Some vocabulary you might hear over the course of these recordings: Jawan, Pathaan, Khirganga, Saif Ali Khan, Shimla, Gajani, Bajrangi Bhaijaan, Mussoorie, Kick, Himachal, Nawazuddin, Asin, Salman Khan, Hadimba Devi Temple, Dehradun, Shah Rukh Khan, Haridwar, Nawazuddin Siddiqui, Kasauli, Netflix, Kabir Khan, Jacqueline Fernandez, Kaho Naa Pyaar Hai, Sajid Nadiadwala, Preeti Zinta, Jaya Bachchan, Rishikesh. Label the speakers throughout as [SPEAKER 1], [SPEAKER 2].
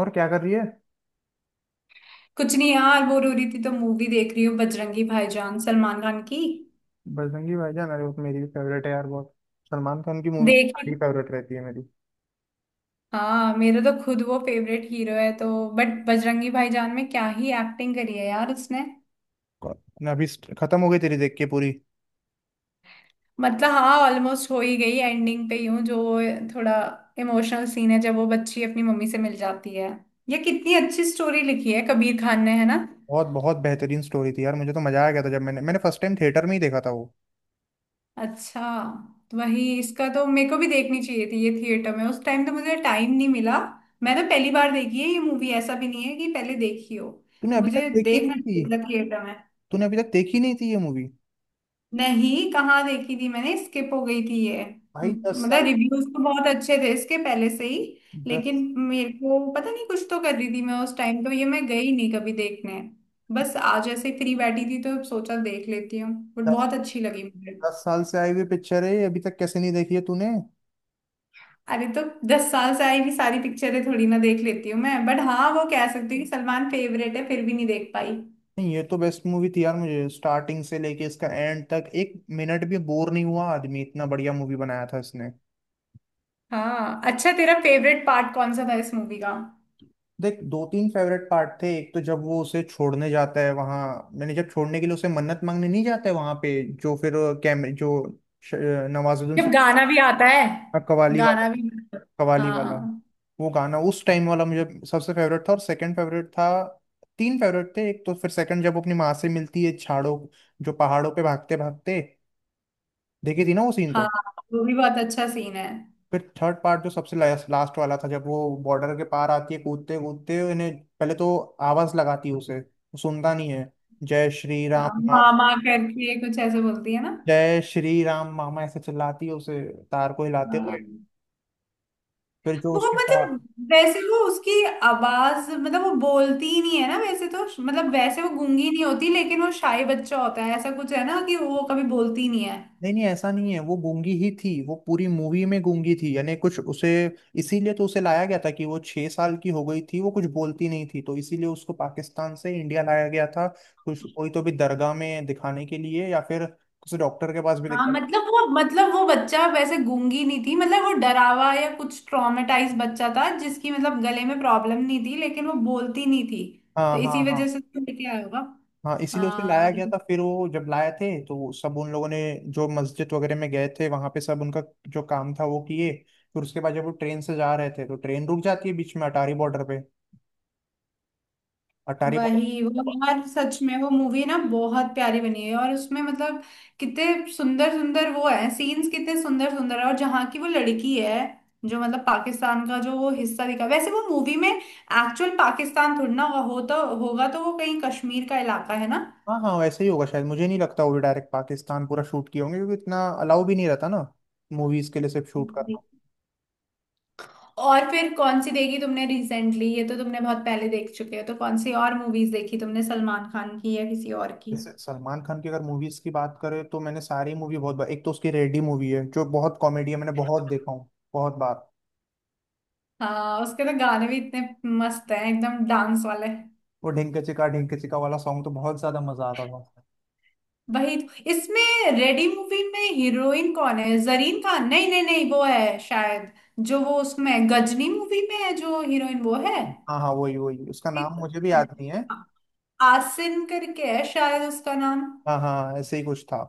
[SPEAKER 1] और क्या कर रही है।
[SPEAKER 2] कुछ नहीं यार, बोर हो रही थी तो मूवी देख रही हूँ। बजरंगी भाईजान, सलमान खान की।
[SPEAKER 1] बजरंगी भाईजान, अरे वो तो मेरी भी फेवरेट है यार, बहुत। सलमान खान की मूवी
[SPEAKER 2] देखी।
[SPEAKER 1] सारी फेवरेट रहती है मेरी।
[SPEAKER 2] हाँ, मेरा तो खुद वो फेवरेट हीरो है तो। बट बजरंगी भाईजान में क्या ही एक्टिंग करी है यार उसने।
[SPEAKER 1] ना अभी खत्म हो गई तेरी देख के पूरी।
[SPEAKER 2] मतलब हाँ, ऑलमोस्ट हो ही गई, एंडिंग पे ही हूँ। जो थोड़ा इमोशनल सीन है जब वो बच्ची अपनी मम्मी से मिल जाती है। ये कितनी अच्छी स्टोरी लिखी है कबीर खान ने, है ना।
[SPEAKER 1] बहुत बहुत बेहतरीन स्टोरी थी यार, मुझे तो मजा आ गया था जब मैंने मैंने फर्स्ट टाइम थिएटर में ही देखा था वो।
[SPEAKER 2] अच्छा। तो वही, इसका तो मेरे को भी देखनी चाहिए थी ये थिएटर में, उस टाइम तो मुझे टाइम नहीं मिला। मैंने पहली बार देखी है ये मूवी, ऐसा भी नहीं है कि पहले देखी हो।
[SPEAKER 1] तूने
[SPEAKER 2] तो
[SPEAKER 1] अभी तक
[SPEAKER 2] मुझे
[SPEAKER 1] देखी
[SPEAKER 2] देखना
[SPEAKER 1] नहीं थी?
[SPEAKER 2] चाहिए था थिएटर में।
[SPEAKER 1] तूने अभी तक देखी नहीं थी ये मूवी?
[SPEAKER 2] नहीं, कहाँ देखी थी मैंने, स्किप हो गई थी ये।
[SPEAKER 1] भाई दस
[SPEAKER 2] मतलब
[SPEAKER 1] साल
[SPEAKER 2] रिव्यूज तो बहुत अच्छे थे इसके पहले से ही। लेकिन
[SPEAKER 1] दस
[SPEAKER 2] मेरे को पता नहीं, कुछ तो कर रही थी मैं उस टाइम, तो ये मैं गई नहीं कभी देखने। बस आज ऐसे फ्री बैठी थी तो सोचा देख लेती हूँ। बट
[SPEAKER 1] दस
[SPEAKER 2] बहुत अच्छी लगी मुझे।
[SPEAKER 1] दस साल से आई हुई पिक्चर है ये, अभी तक कैसे नहीं देखी है तूने?
[SPEAKER 2] अरे तो 10 साल से आई हुई सारी पिक्चरें थोड़ी ना देख लेती हूँ मैं। बट हाँ, वो कह सकती हूँ कि सलमान फेवरेट है, फिर भी नहीं देख पाई।
[SPEAKER 1] नहीं, ये तो बेस्ट मूवी थी यार, मुझे स्टार्टिंग से लेके इसका एंड तक एक मिनट भी बोर नहीं हुआ। आदमी इतना बढ़िया मूवी बनाया था इसने।
[SPEAKER 2] हाँ। अच्छा, तेरा फेवरेट पार्ट कौन सा था इस मूवी का?
[SPEAKER 1] देख, दो तीन फेवरेट पार्ट थे। एक तो जब वो उसे छोड़ने जाता है वहां मैंने, जब छोड़ने के लिए उसे मन्नत मांगने नहीं जाता है वहां पे, जो फिर कैमरे जो श- नवाजुद्दीन से,
[SPEAKER 2] जब गाना भी आता है।
[SPEAKER 1] कवाली वाला
[SPEAKER 2] गाना भी।
[SPEAKER 1] कवाली वाला
[SPEAKER 2] हाँ।
[SPEAKER 1] वो गाना उस टाइम वाला मुझे सबसे फेवरेट था। और सेकंड फेवरेट था, तीन फेवरेट थे। एक तो फिर सेकंड जब वो अपनी माँ से मिलती है छाड़ों, जो पहाड़ों पे भागते भागते, देखी थी ना वो सीन
[SPEAKER 2] हाँ,
[SPEAKER 1] तो।
[SPEAKER 2] वो भी बहुत अच्छा सीन है।
[SPEAKER 1] फिर थर्ड पार्ट जो सबसे लास्ट वाला था, जब वो बॉर्डर के पार आती है कूदते कूदते इन्हें। पहले तो आवाज लगाती है, उसे वो सुनता नहीं है। जय श्री
[SPEAKER 2] हाँ,
[SPEAKER 1] राम नाम,
[SPEAKER 2] मामा करके कुछ ऐसे बोलती है ना।
[SPEAKER 1] जय श्री राम मामा ऐसे चिल्लाती है उसे, तार को हिलाते
[SPEAKER 2] हाँ,
[SPEAKER 1] हुए, फिर जो
[SPEAKER 2] वो
[SPEAKER 1] उसके पास।
[SPEAKER 2] मतलब, वैसे वो उसकी आवाज, मतलब वो बोलती ही नहीं है ना वैसे तो, मतलब वैसे वो गूंगी नहीं होती लेकिन वो शाय बच्चा होता है ऐसा कुछ है ना कि वो कभी बोलती ही नहीं है।
[SPEAKER 1] नहीं नहीं, ऐसा नहीं है, वो गूंगी ही थी, वो पूरी मूवी में गूंगी थी यानी कुछ उसे, इसीलिए तो उसे लाया गया था कि वो 6 साल की हो गई थी, वो कुछ बोलती नहीं थी, तो इसीलिए उसको पाकिस्तान से इंडिया लाया गया था। कुछ कोई तो भी दरगाह में दिखाने के लिए या फिर किसी डॉक्टर के पास भी
[SPEAKER 2] हाँ
[SPEAKER 1] दिखाने।
[SPEAKER 2] मतलब वो, मतलब वो बच्चा वैसे गूंगी नहीं थी, मतलब वो डरावा या कुछ ट्रॉमेटाइज बच्चा था जिसकी मतलब गले में प्रॉब्लम नहीं थी लेकिन वो बोलती नहीं थी। तो
[SPEAKER 1] हाँ हाँ
[SPEAKER 2] इसी
[SPEAKER 1] हाँ।
[SPEAKER 2] वजह से उसको लेके आया होगा।
[SPEAKER 1] हाँ, इसीलिए उसे
[SPEAKER 2] हाँ।
[SPEAKER 1] लाया गया था। फिर वो जब लाए थे तो सब उन लोगों ने, जो मस्जिद वगैरह में गए थे, वहां पे सब उनका जो काम था वो किए। फिर उसके बाद जब वो ट्रेन से जा रहे थे तो ट्रेन रुक जाती है बीच में अटारी बॉर्डर पे, अटारी बॉर्डर।
[SPEAKER 2] वही वो यार, सच में वो मूवी ना बहुत प्यारी बनी है। और उसमें मतलब कितने सुंदर सुंदर वो है सीन्स, कितने सुंदर सुंदर है। और जहाँ की वो लड़की है, जो मतलब पाकिस्तान का जो वो हिस्सा दिखा, वैसे वो मूवी में एक्चुअल पाकिस्तान थोड़ी ना हो तो होगा, तो वो कहीं कश्मीर का इलाका है ना।
[SPEAKER 1] हाँ हाँ, वैसे ही होगा शायद। मुझे नहीं लगता वो भी डायरेक्ट पाकिस्तान पूरा शूट किए होंगे, क्योंकि इतना अलाउ भी नहीं रहता ना मूवीज के लिए सिर्फ शूट
[SPEAKER 2] जी।
[SPEAKER 1] करना।
[SPEAKER 2] और फिर कौन सी देखी तुमने रिसेंटली? ये तो तुमने बहुत पहले देख चुके हो, तो कौन सी और मूवीज देखी तुमने सलमान खान की या किसी और की?
[SPEAKER 1] जैसे सलमान खान की अगर मूवीज की बात करें तो मैंने सारी मूवी बहुत बार, एक तो उसकी रेडी मूवी है जो बहुत कॉमेडी है, मैंने बहुत देखा हूँ, बहुत बार।
[SPEAKER 2] हाँ, उसके तो गाने भी इतने मस्त हैं एकदम, डांस वाले।
[SPEAKER 1] वो ढिंक चिका वाला सॉन्ग तो बहुत ज्यादा मजा आता था।
[SPEAKER 2] वही इसमें रेडी मूवी में हीरोइन कौन है, जरीन खान? नहीं नहीं नहीं, वो है शायद जो वो उसमें गजनी मूवी में है जो हीरोइन, वो है।
[SPEAKER 1] हाँ हाँ, वही वही, उसका नाम मुझे
[SPEAKER 2] एक-
[SPEAKER 1] भी याद नहीं है।
[SPEAKER 2] आसिन करके है शायद उसका नाम।
[SPEAKER 1] हाँ हाँ, ऐसे ही कुछ था।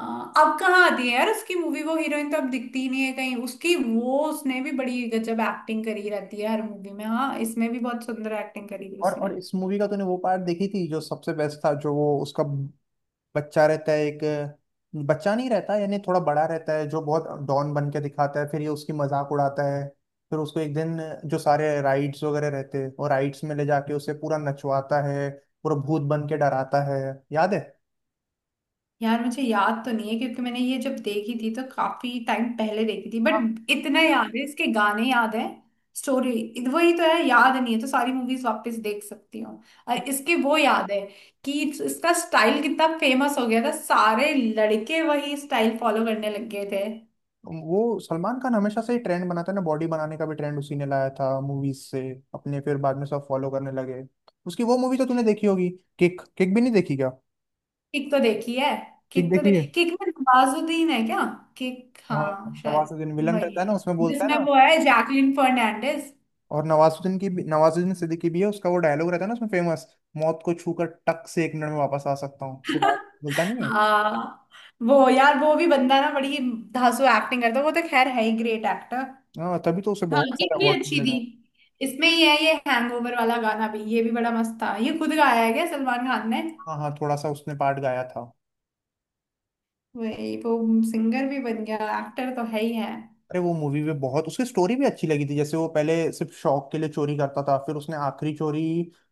[SPEAKER 2] आ, अब कहाँ आती है यार उसकी मूवी, वो हीरोइन तो अब दिखती ही नहीं है कहीं। उसकी वो, उसने भी बड़ी गजब एक्टिंग करी रहती है हर मूवी में। हाँ, इसमें भी बहुत सुंदर एक्टिंग करी थी
[SPEAKER 1] और
[SPEAKER 2] उसने।
[SPEAKER 1] इस मूवी का तूने वो पार्ट देखी थी जो सबसे बेस्ट था, जो वो उसका बच्चा रहता है एक, बच्चा नहीं रहता यानी थोड़ा बड़ा रहता है, जो बहुत डॉन बन के दिखाता है, फिर ये उसकी मजाक उड़ाता है, फिर उसको एक दिन जो सारे राइड्स वगैरह रहते हैं, वो राइड्स में ले जाके उसे पूरा नचवाता है, पूरा भूत बन के डराता है, याद है?
[SPEAKER 2] यार मुझे याद तो नहीं है क्योंकि मैंने ये जब देखी थी तो काफी टाइम पहले देखी थी,
[SPEAKER 1] हाँ,
[SPEAKER 2] बट इतना याद है इसके गाने याद है। स्टोरी वही तो है, याद नहीं है, तो सारी मूवीज वापस देख सकती हूँ। और इसके वो याद है कि इसका स्टाइल कितना फेमस हो गया था, सारे लड़के वही स्टाइल फॉलो करने लग गए थे।
[SPEAKER 1] वो सलमान खान हमेशा से ही ट्रेंड बनाता है ना, बॉडी बनाने का भी ट्रेंड उसी ने लाया था मूवीज से अपने, फिर बाद में सब फॉलो करने लगे। उसकी वो मूवी तो तूने देखी होगी, किक? किक भी नहीं देखी क्या?
[SPEAKER 2] किक तो देखी है।
[SPEAKER 1] किक
[SPEAKER 2] किक तो
[SPEAKER 1] देखी
[SPEAKER 2] देख,
[SPEAKER 1] है।
[SPEAKER 2] किक में नवाजुद्दीन है क्या? किक,
[SPEAKER 1] हाँ,
[SPEAKER 2] हाँ शायद।
[SPEAKER 1] नवाजुद्दीन विलन
[SPEAKER 2] वही
[SPEAKER 1] रहता है ना उसमें,
[SPEAKER 2] है
[SPEAKER 1] बोलता है
[SPEAKER 2] जिसमें
[SPEAKER 1] ना।
[SPEAKER 2] वो है जैकलिन फर्नांडिस।
[SPEAKER 1] और नवाजुद्दीन सिद्दीकी भी है, उसका वो डायलॉग रहता है ना उसमें फेमस, मौत को छूकर टक से एक मिनट में वापस आ सकता हूँ, जो बात बोलता नहीं है।
[SPEAKER 2] हाँ, वो यार वो भी बंदा ना बड़ी धांसू एक्टिंग करता है, वो तो खैर है ही ग्रेट एक्टर।
[SPEAKER 1] हाँ, तभी तो उसे
[SPEAKER 2] हाँ,
[SPEAKER 1] बहुत
[SPEAKER 2] ये
[SPEAKER 1] सारा
[SPEAKER 2] भी
[SPEAKER 1] अवार्ड
[SPEAKER 2] अच्छी थी।
[SPEAKER 1] मिलेगा।
[SPEAKER 2] इसमें ये है, ये हैंगओवर वाला गाना भी, ये भी बड़ा मस्त था। ये खुद गाया है क्या सलमान खान ने?
[SPEAKER 1] हाँ हाँ, थोड़ा सा उसने पार्ट गाया था।
[SPEAKER 2] वही वो, सिंगर भी बन गया, एक्टर तो है ही है।
[SPEAKER 1] अरे, वो मूवी भी बहुत उसकी, स्टोरी भी अच्छी लगी थी। जैसे वो पहले सिर्फ शौक के लिए चोरी करता था, फिर उसने आखिरी चोरी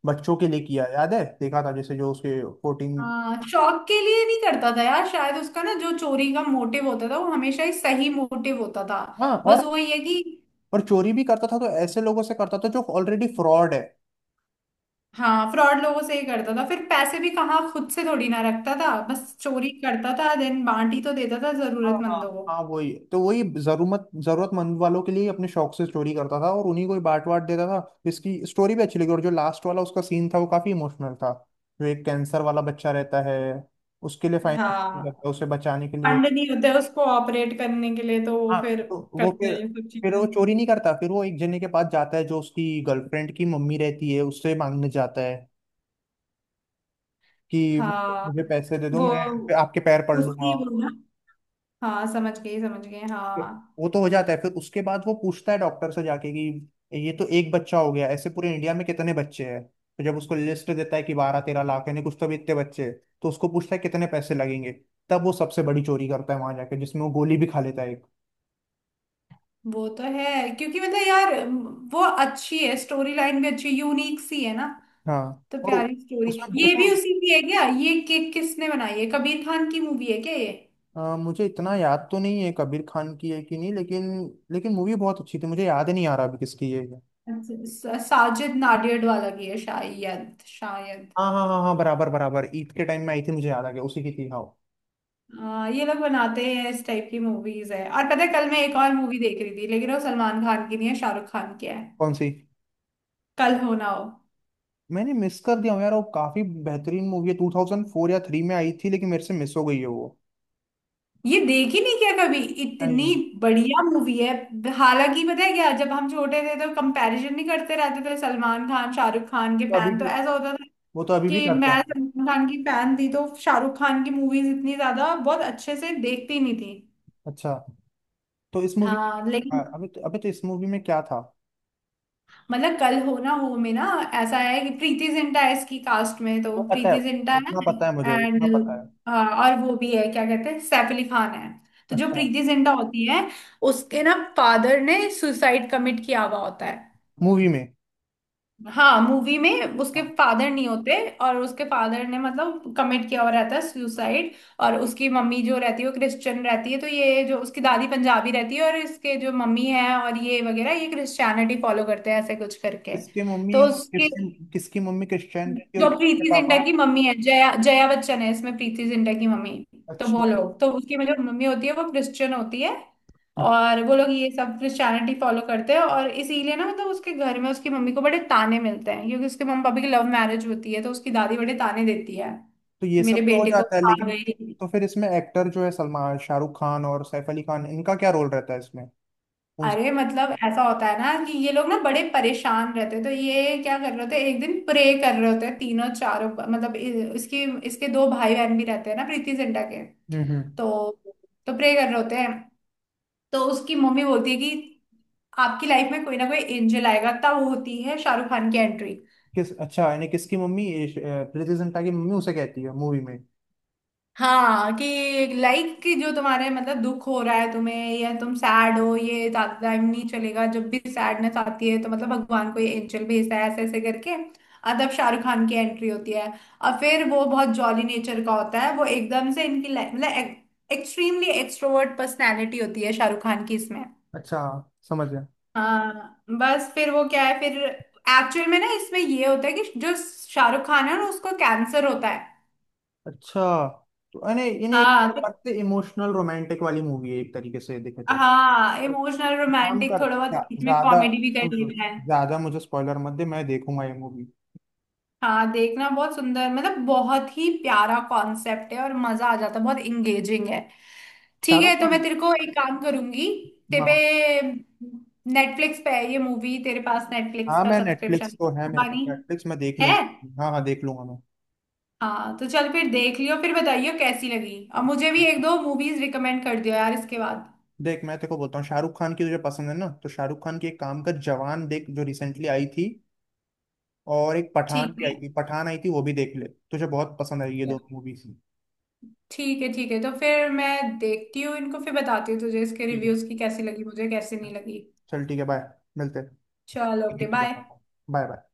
[SPEAKER 1] बच्चों के लिए किया, याद है देखा था, जैसे जो उसके 14।
[SPEAKER 2] हाँ, शौक के लिए नहीं करता था यार, शायद उसका ना जो चोरी का मोटिव होता था वो हमेशा ही सही मोटिव होता था।
[SPEAKER 1] हाँ,
[SPEAKER 2] बस वो ये है कि,
[SPEAKER 1] और चोरी भी करता था तो ऐसे लोगों से करता था जो ऑलरेडी फ्रॉड है।
[SPEAKER 2] हाँ फ्रॉड लोगों से ही करता था, फिर पैसे भी कहाँ खुद से थोड़ी ना रखता था,
[SPEAKER 1] हाँ
[SPEAKER 2] बस चोरी करता था देन बांट ही तो देता था
[SPEAKER 1] हाँ
[SPEAKER 2] जरूरतमंदों
[SPEAKER 1] हाँ।
[SPEAKER 2] को।
[SPEAKER 1] हाँ, वही तो, वही जरूरतमंद वालों के लिए अपने शौक से चोरी करता था और उन्हीं को ही बांट बांट देता था। इसकी स्टोरी भी अच्छी लगी, और जो लास्ट वाला उसका सीन था वो काफी इमोशनल था, जो एक कैंसर वाला बच्चा रहता है, उसके लिए फाइनल करता
[SPEAKER 2] हाँ,
[SPEAKER 1] है उसे बचाने के लिए।
[SPEAKER 2] फंड नहीं होते उसको ऑपरेट करने के लिए तो वो
[SPEAKER 1] हाँ,
[SPEAKER 2] फिर
[SPEAKER 1] तो वो
[SPEAKER 2] करता
[SPEAKER 1] फिर
[SPEAKER 2] है ये सब
[SPEAKER 1] फिर
[SPEAKER 2] चीजें।
[SPEAKER 1] वो चोरी नहीं करता, फिर वो एक जने के पास जाता है जो उसकी गर्लफ्रेंड की मम्मी रहती है, उससे मांगने जाता है कि
[SPEAKER 2] हाँ,
[SPEAKER 1] मुझे पैसे दे दो,
[SPEAKER 2] वो
[SPEAKER 1] मैं फिर आपके पैर पड़ लूंगा।
[SPEAKER 2] उसकी वो ना, हाँ समझ गई समझ गई।
[SPEAKER 1] फिर
[SPEAKER 2] हाँ
[SPEAKER 1] वो तो हो जाता है, फिर उसके बाद वो पूछता है डॉक्टर से जाके कि ये तो एक बच्चा हो गया, ऐसे पूरे इंडिया में कितने बच्चे हैं, तो जब उसको लिस्ट देता है कि 12-13 लाख यानी कुछ तो भी इतने बच्चे हैं, तो उसको पूछता है कितने पैसे लगेंगे। तब वो सबसे बड़ी चोरी करता है वहां जाके, जिसमें वो गोली भी खा लेता है एक।
[SPEAKER 2] वो तो है, क्योंकि मतलब यार वो अच्छी है, स्टोरी लाइन भी अच्छी यूनिक सी है ना,
[SPEAKER 1] हाँ,
[SPEAKER 2] तो
[SPEAKER 1] और
[SPEAKER 2] प्यारी स्टोरी।
[SPEAKER 1] उसमें
[SPEAKER 2] ये
[SPEAKER 1] उसमें
[SPEAKER 2] भी उसी की है क्या ये, कि किसने बनाई है? कबीर खान की मूवी है क्या ये?
[SPEAKER 1] मुझे इतना याद तो नहीं है कबीर खान की है कि नहीं, लेकिन लेकिन मूवी बहुत अच्छी थी, मुझे याद ही नहीं आ रहा अभी किसकी है ये। है।
[SPEAKER 2] अच्छा, साजिद नाडियाड वाला की है शायद शायद।
[SPEAKER 1] हाँ हाँ हाँ हाँ, बराबर बराबर, ईद के टाइम में आई थी, मुझे याद आ गया उसी की थी, हाँ।
[SPEAKER 2] ये लोग बनाते हैं इस टाइप की मूवीज है। और पता है कल मैं एक और मूवी देख रही थी, लेकिन वो सलमान खान की नहीं है, शाहरुख खान की है।
[SPEAKER 1] कौन सी?
[SPEAKER 2] कल हो ना हो।
[SPEAKER 1] मैंने मिस कर दिया हूँ यार, वो काफी बेहतरीन मूवी है, 2004 या थ्री में आई थी, लेकिन मेरे से मिस हो गई है वो।
[SPEAKER 2] ये देख ही नहीं क्या कभी? इतनी
[SPEAKER 1] नहीं।
[SPEAKER 2] बढ़िया मूवी है। हालांकि पता है क्या, जब हम छोटे थे तो कंपैरिजन नहीं करते रहते थे सलमान खान शाहरुख खान के
[SPEAKER 1] तो अभी
[SPEAKER 2] फैन? तो
[SPEAKER 1] भी,
[SPEAKER 2] ऐसा होता था
[SPEAKER 1] वो तो अभी भी
[SPEAKER 2] कि
[SPEAKER 1] करते
[SPEAKER 2] मैं
[SPEAKER 1] हैं।
[SPEAKER 2] सलमान खान की फैन थी तो शाहरुख खान की मूवीज इतनी ज्यादा बहुत अच्छे से देखती नहीं थी।
[SPEAKER 1] अच्छा, तो इस मूवी,
[SPEAKER 2] हाँ लेकिन
[SPEAKER 1] अभी तो इस मूवी में क्या था?
[SPEAKER 2] मतलब कल हो ना हो में ना, ऐसा है कि प्रीति जिंटा है इसकी कास्ट में, तो
[SPEAKER 1] वो पता है,
[SPEAKER 2] प्रीति जिंटा है
[SPEAKER 1] उतना पता है, मुझे
[SPEAKER 2] एंड।
[SPEAKER 1] उतना पता
[SPEAKER 2] और वो भी है क्या कहते हैं, सैफ अली खान है।
[SPEAKER 1] है।
[SPEAKER 2] तो जो
[SPEAKER 1] अच्छा,
[SPEAKER 2] प्रीति जिंटा होती है, उसके ना फादर ने सुसाइड कमिट किया हुआ होता है।
[SPEAKER 1] मूवी में?
[SPEAKER 2] हाँ मूवी में उसके फादर नहीं होते, और उसके फादर ने मतलब कमिट किया हुआ रहता है सुसाइड। और उसकी मम्मी जो रहती है वो क्रिश्चियन रहती है, तो ये जो उसकी दादी पंजाबी रहती है, और इसके जो मम्मी है और ये वगैरह, ये क्रिश्चियनिटी फॉलो करते हैं ऐसे कुछ करके।
[SPEAKER 1] किसकी मम्मी
[SPEAKER 2] तो
[SPEAKER 1] और
[SPEAKER 2] उसके,
[SPEAKER 1] किसकी किसकी मम्मी क्रिश्चियन थी और
[SPEAKER 2] जो
[SPEAKER 1] किसके
[SPEAKER 2] प्रीति जिंटा
[SPEAKER 1] पापा?
[SPEAKER 2] की मम्मी है, जया जया बच्चन है इसमें प्रीति जिंटा की मम्मी। तो वो
[SPEAKER 1] अच्छा,
[SPEAKER 2] लोग तो उसकी मतलब मम्मी होती है वो क्रिश्चियन होती है, और वो लोग ये सब क्रिश्चियनिटी फॉलो करते हैं, और इसीलिए ना मतलब उसके घर में उसकी मम्मी को बड़े ताने मिलते हैं, क्योंकि उसके मम्मी पापा की लव मैरिज होती है, तो उसकी दादी बड़े ताने देती है
[SPEAKER 1] तो ये
[SPEAKER 2] कि
[SPEAKER 1] सब
[SPEAKER 2] मेरे
[SPEAKER 1] तो हो
[SPEAKER 2] बेटे को
[SPEAKER 1] जाता है,
[SPEAKER 2] खा
[SPEAKER 1] लेकिन
[SPEAKER 2] गई।
[SPEAKER 1] तो फिर इसमें एक्टर जो है, सलमान शाहरुख खान और सैफ अली खान, इनका क्या रोल रहता है इसमें, उन
[SPEAKER 2] अरे
[SPEAKER 1] सब?
[SPEAKER 2] मतलब ऐसा होता है ना कि ये लोग ना बड़े परेशान रहते हैं, तो ये क्या कर रहे होते हैं, एक दिन प्रे कर रहे होते हैं तीनों चारों, मतलब इसकी, इसके दो भाई बहन भी रहते हैं ना प्रीति जिंटा के।
[SPEAKER 1] हम्म हम्म।
[SPEAKER 2] तो तो प्रे कर रहे होते हैं, तो उसकी मम्मी बोलती है कि आपकी लाइफ में कोई ना कोई एंजल आएगा, तब होती है शाहरुख खान की एंट्री।
[SPEAKER 1] किस? अच्छा, यानी किसकी मम्मी, ये प्रीति जिंटा की मम्मी उसे कहती है मूवी में।
[SPEAKER 2] हाँ कि लाइक कि जो तुम्हारे मतलब दुख हो रहा है तुम्हें, या तुम सैड हो, ये ज्यादा टाइम नहीं चलेगा, जब भी सैडनेस आती है तो मतलब भगवान को ये एंजल भेजता है ऐसे ऐसे करके, और तब शाहरुख खान की एंट्री होती है। और फिर वो बहुत जॉली नेचर का होता है, वो एकदम से इनकी लाइफ मतलब एक्सट्रीमली एक्सट्रोवर्ट पर्सनैलिटी होती है शाहरुख खान की इसमें।
[SPEAKER 1] अच्छा, समझ गया।
[SPEAKER 2] हाँ बस फिर वो क्या है, फिर एक्चुअल में ना इसमें ये होता है कि जो शाहरुख खान है ना उसको कैंसर होता है।
[SPEAKER 1] अच्छा, तो यानी यानी एक
[SPEAKER 2] हाँ तो,
[SPEAKER 1] प्रकार से इमोशनल रोमांटिक वाली मूवी है एक तरीके से देखे तो।
[SPEAKER 2] हाँ इमोशनल
[SPEAKER 1] काम
[SPEAKER 2] रोमांटिक
[SPEAKER 1] कर,
[SPEAKER 2] थोड़ा बहुत
[SPEAKER 1] ज्या-
[SPEAKER 2] बीच में
[SPEAKER 1] ज्यादा
[SPEAKER 2] कॉमेडी भी
[SPEAKER 1] सुन
[SPEAKER 2] कर
[SPEAKER 1] सुन,
[SPEAKER 2] लेता है।
[SPEAKER 1] ज्यादा मुझे स्पॉइलर मत दे, मैं देखूंगा ये मूवी।
[SPEAKER 2] हाँ देखना, बहुत सुंदर मतलब बहुत ही प्यारा कॉन्सेप्ट है और मजा आ जाता है, बहुत इंगेजिंग है। ठीक
[SPEAKER 1] शाहरुख
[SPEAKER 2] है, तो
[SPEAKER 1] खान।
[SPEAKER 2] मैं तेरे को एक काम करूंगी, तेरे
[SPEAKER 1] हाँ
[SPEAKER 2] पे नेटफ्लिक्स पे है ये मूवी। तेरे पास नेटफ्लिक्स
[SPEAKER 1] हाँ,
[SPEAKER 2] का
[SPEAKER 1] मैं नेटफ्लिक्स
[SPEAKER 2] सब्सक्रिप्शन?
[SPEAKER 1] तो है मेरे पास,
[SPEAKER 2] पानी
[SPEAKER 1] नेटफ्लिक्स मैं देख
[SPEAKER 2] है।
[SPEAKER 1] लूंगा, हाँ हाँ, देख लूंगा मैं।
[SPEAKER 2] हाँ तो चल फिर देख लियो, फिर बताइयो कैसी लगी, और मुझे भी एक दो मूवीज रिकमेंड कर दियो यार इसके बाद।
[SPEAKER 1] देख, मैं तेरे को बोलता हूँ, शाहरुख खान की तुझे पसंद है ना, तो शाहरुख खान की एक काम कर, जवान देख जो रिसेंटली आई थी, और एक पठान भी आई
[SPEAKER 2] ठीक
[SPEAKER 1] थी, पठान आई थी वो भी देख ले, तुझे बहुत पसंद आई ये
[SPEAKER 2] है।
[SPEAKER 1] दोनों मूवीज।
[SPEAKER 2] ठीक है। ठीक है तो फिर मैं देखती हूँ इनको, फिर बताती हूँ तुझे इसके
[SPEAKER 1] ठीक है,
[SPEAKER 2] रिव्यूज, की कैसी लगी मुझे, कैसी नहीं लगी।
[SPEAKER 1] चल ठीक है, बाय, मिलते हैं।
[SPEAKER 2] चलो ओके
[SPEAKER 1] देख के
[SPEAKER 2] बाय।
[SPEAKER 1] बताता हूँ। Bye bye.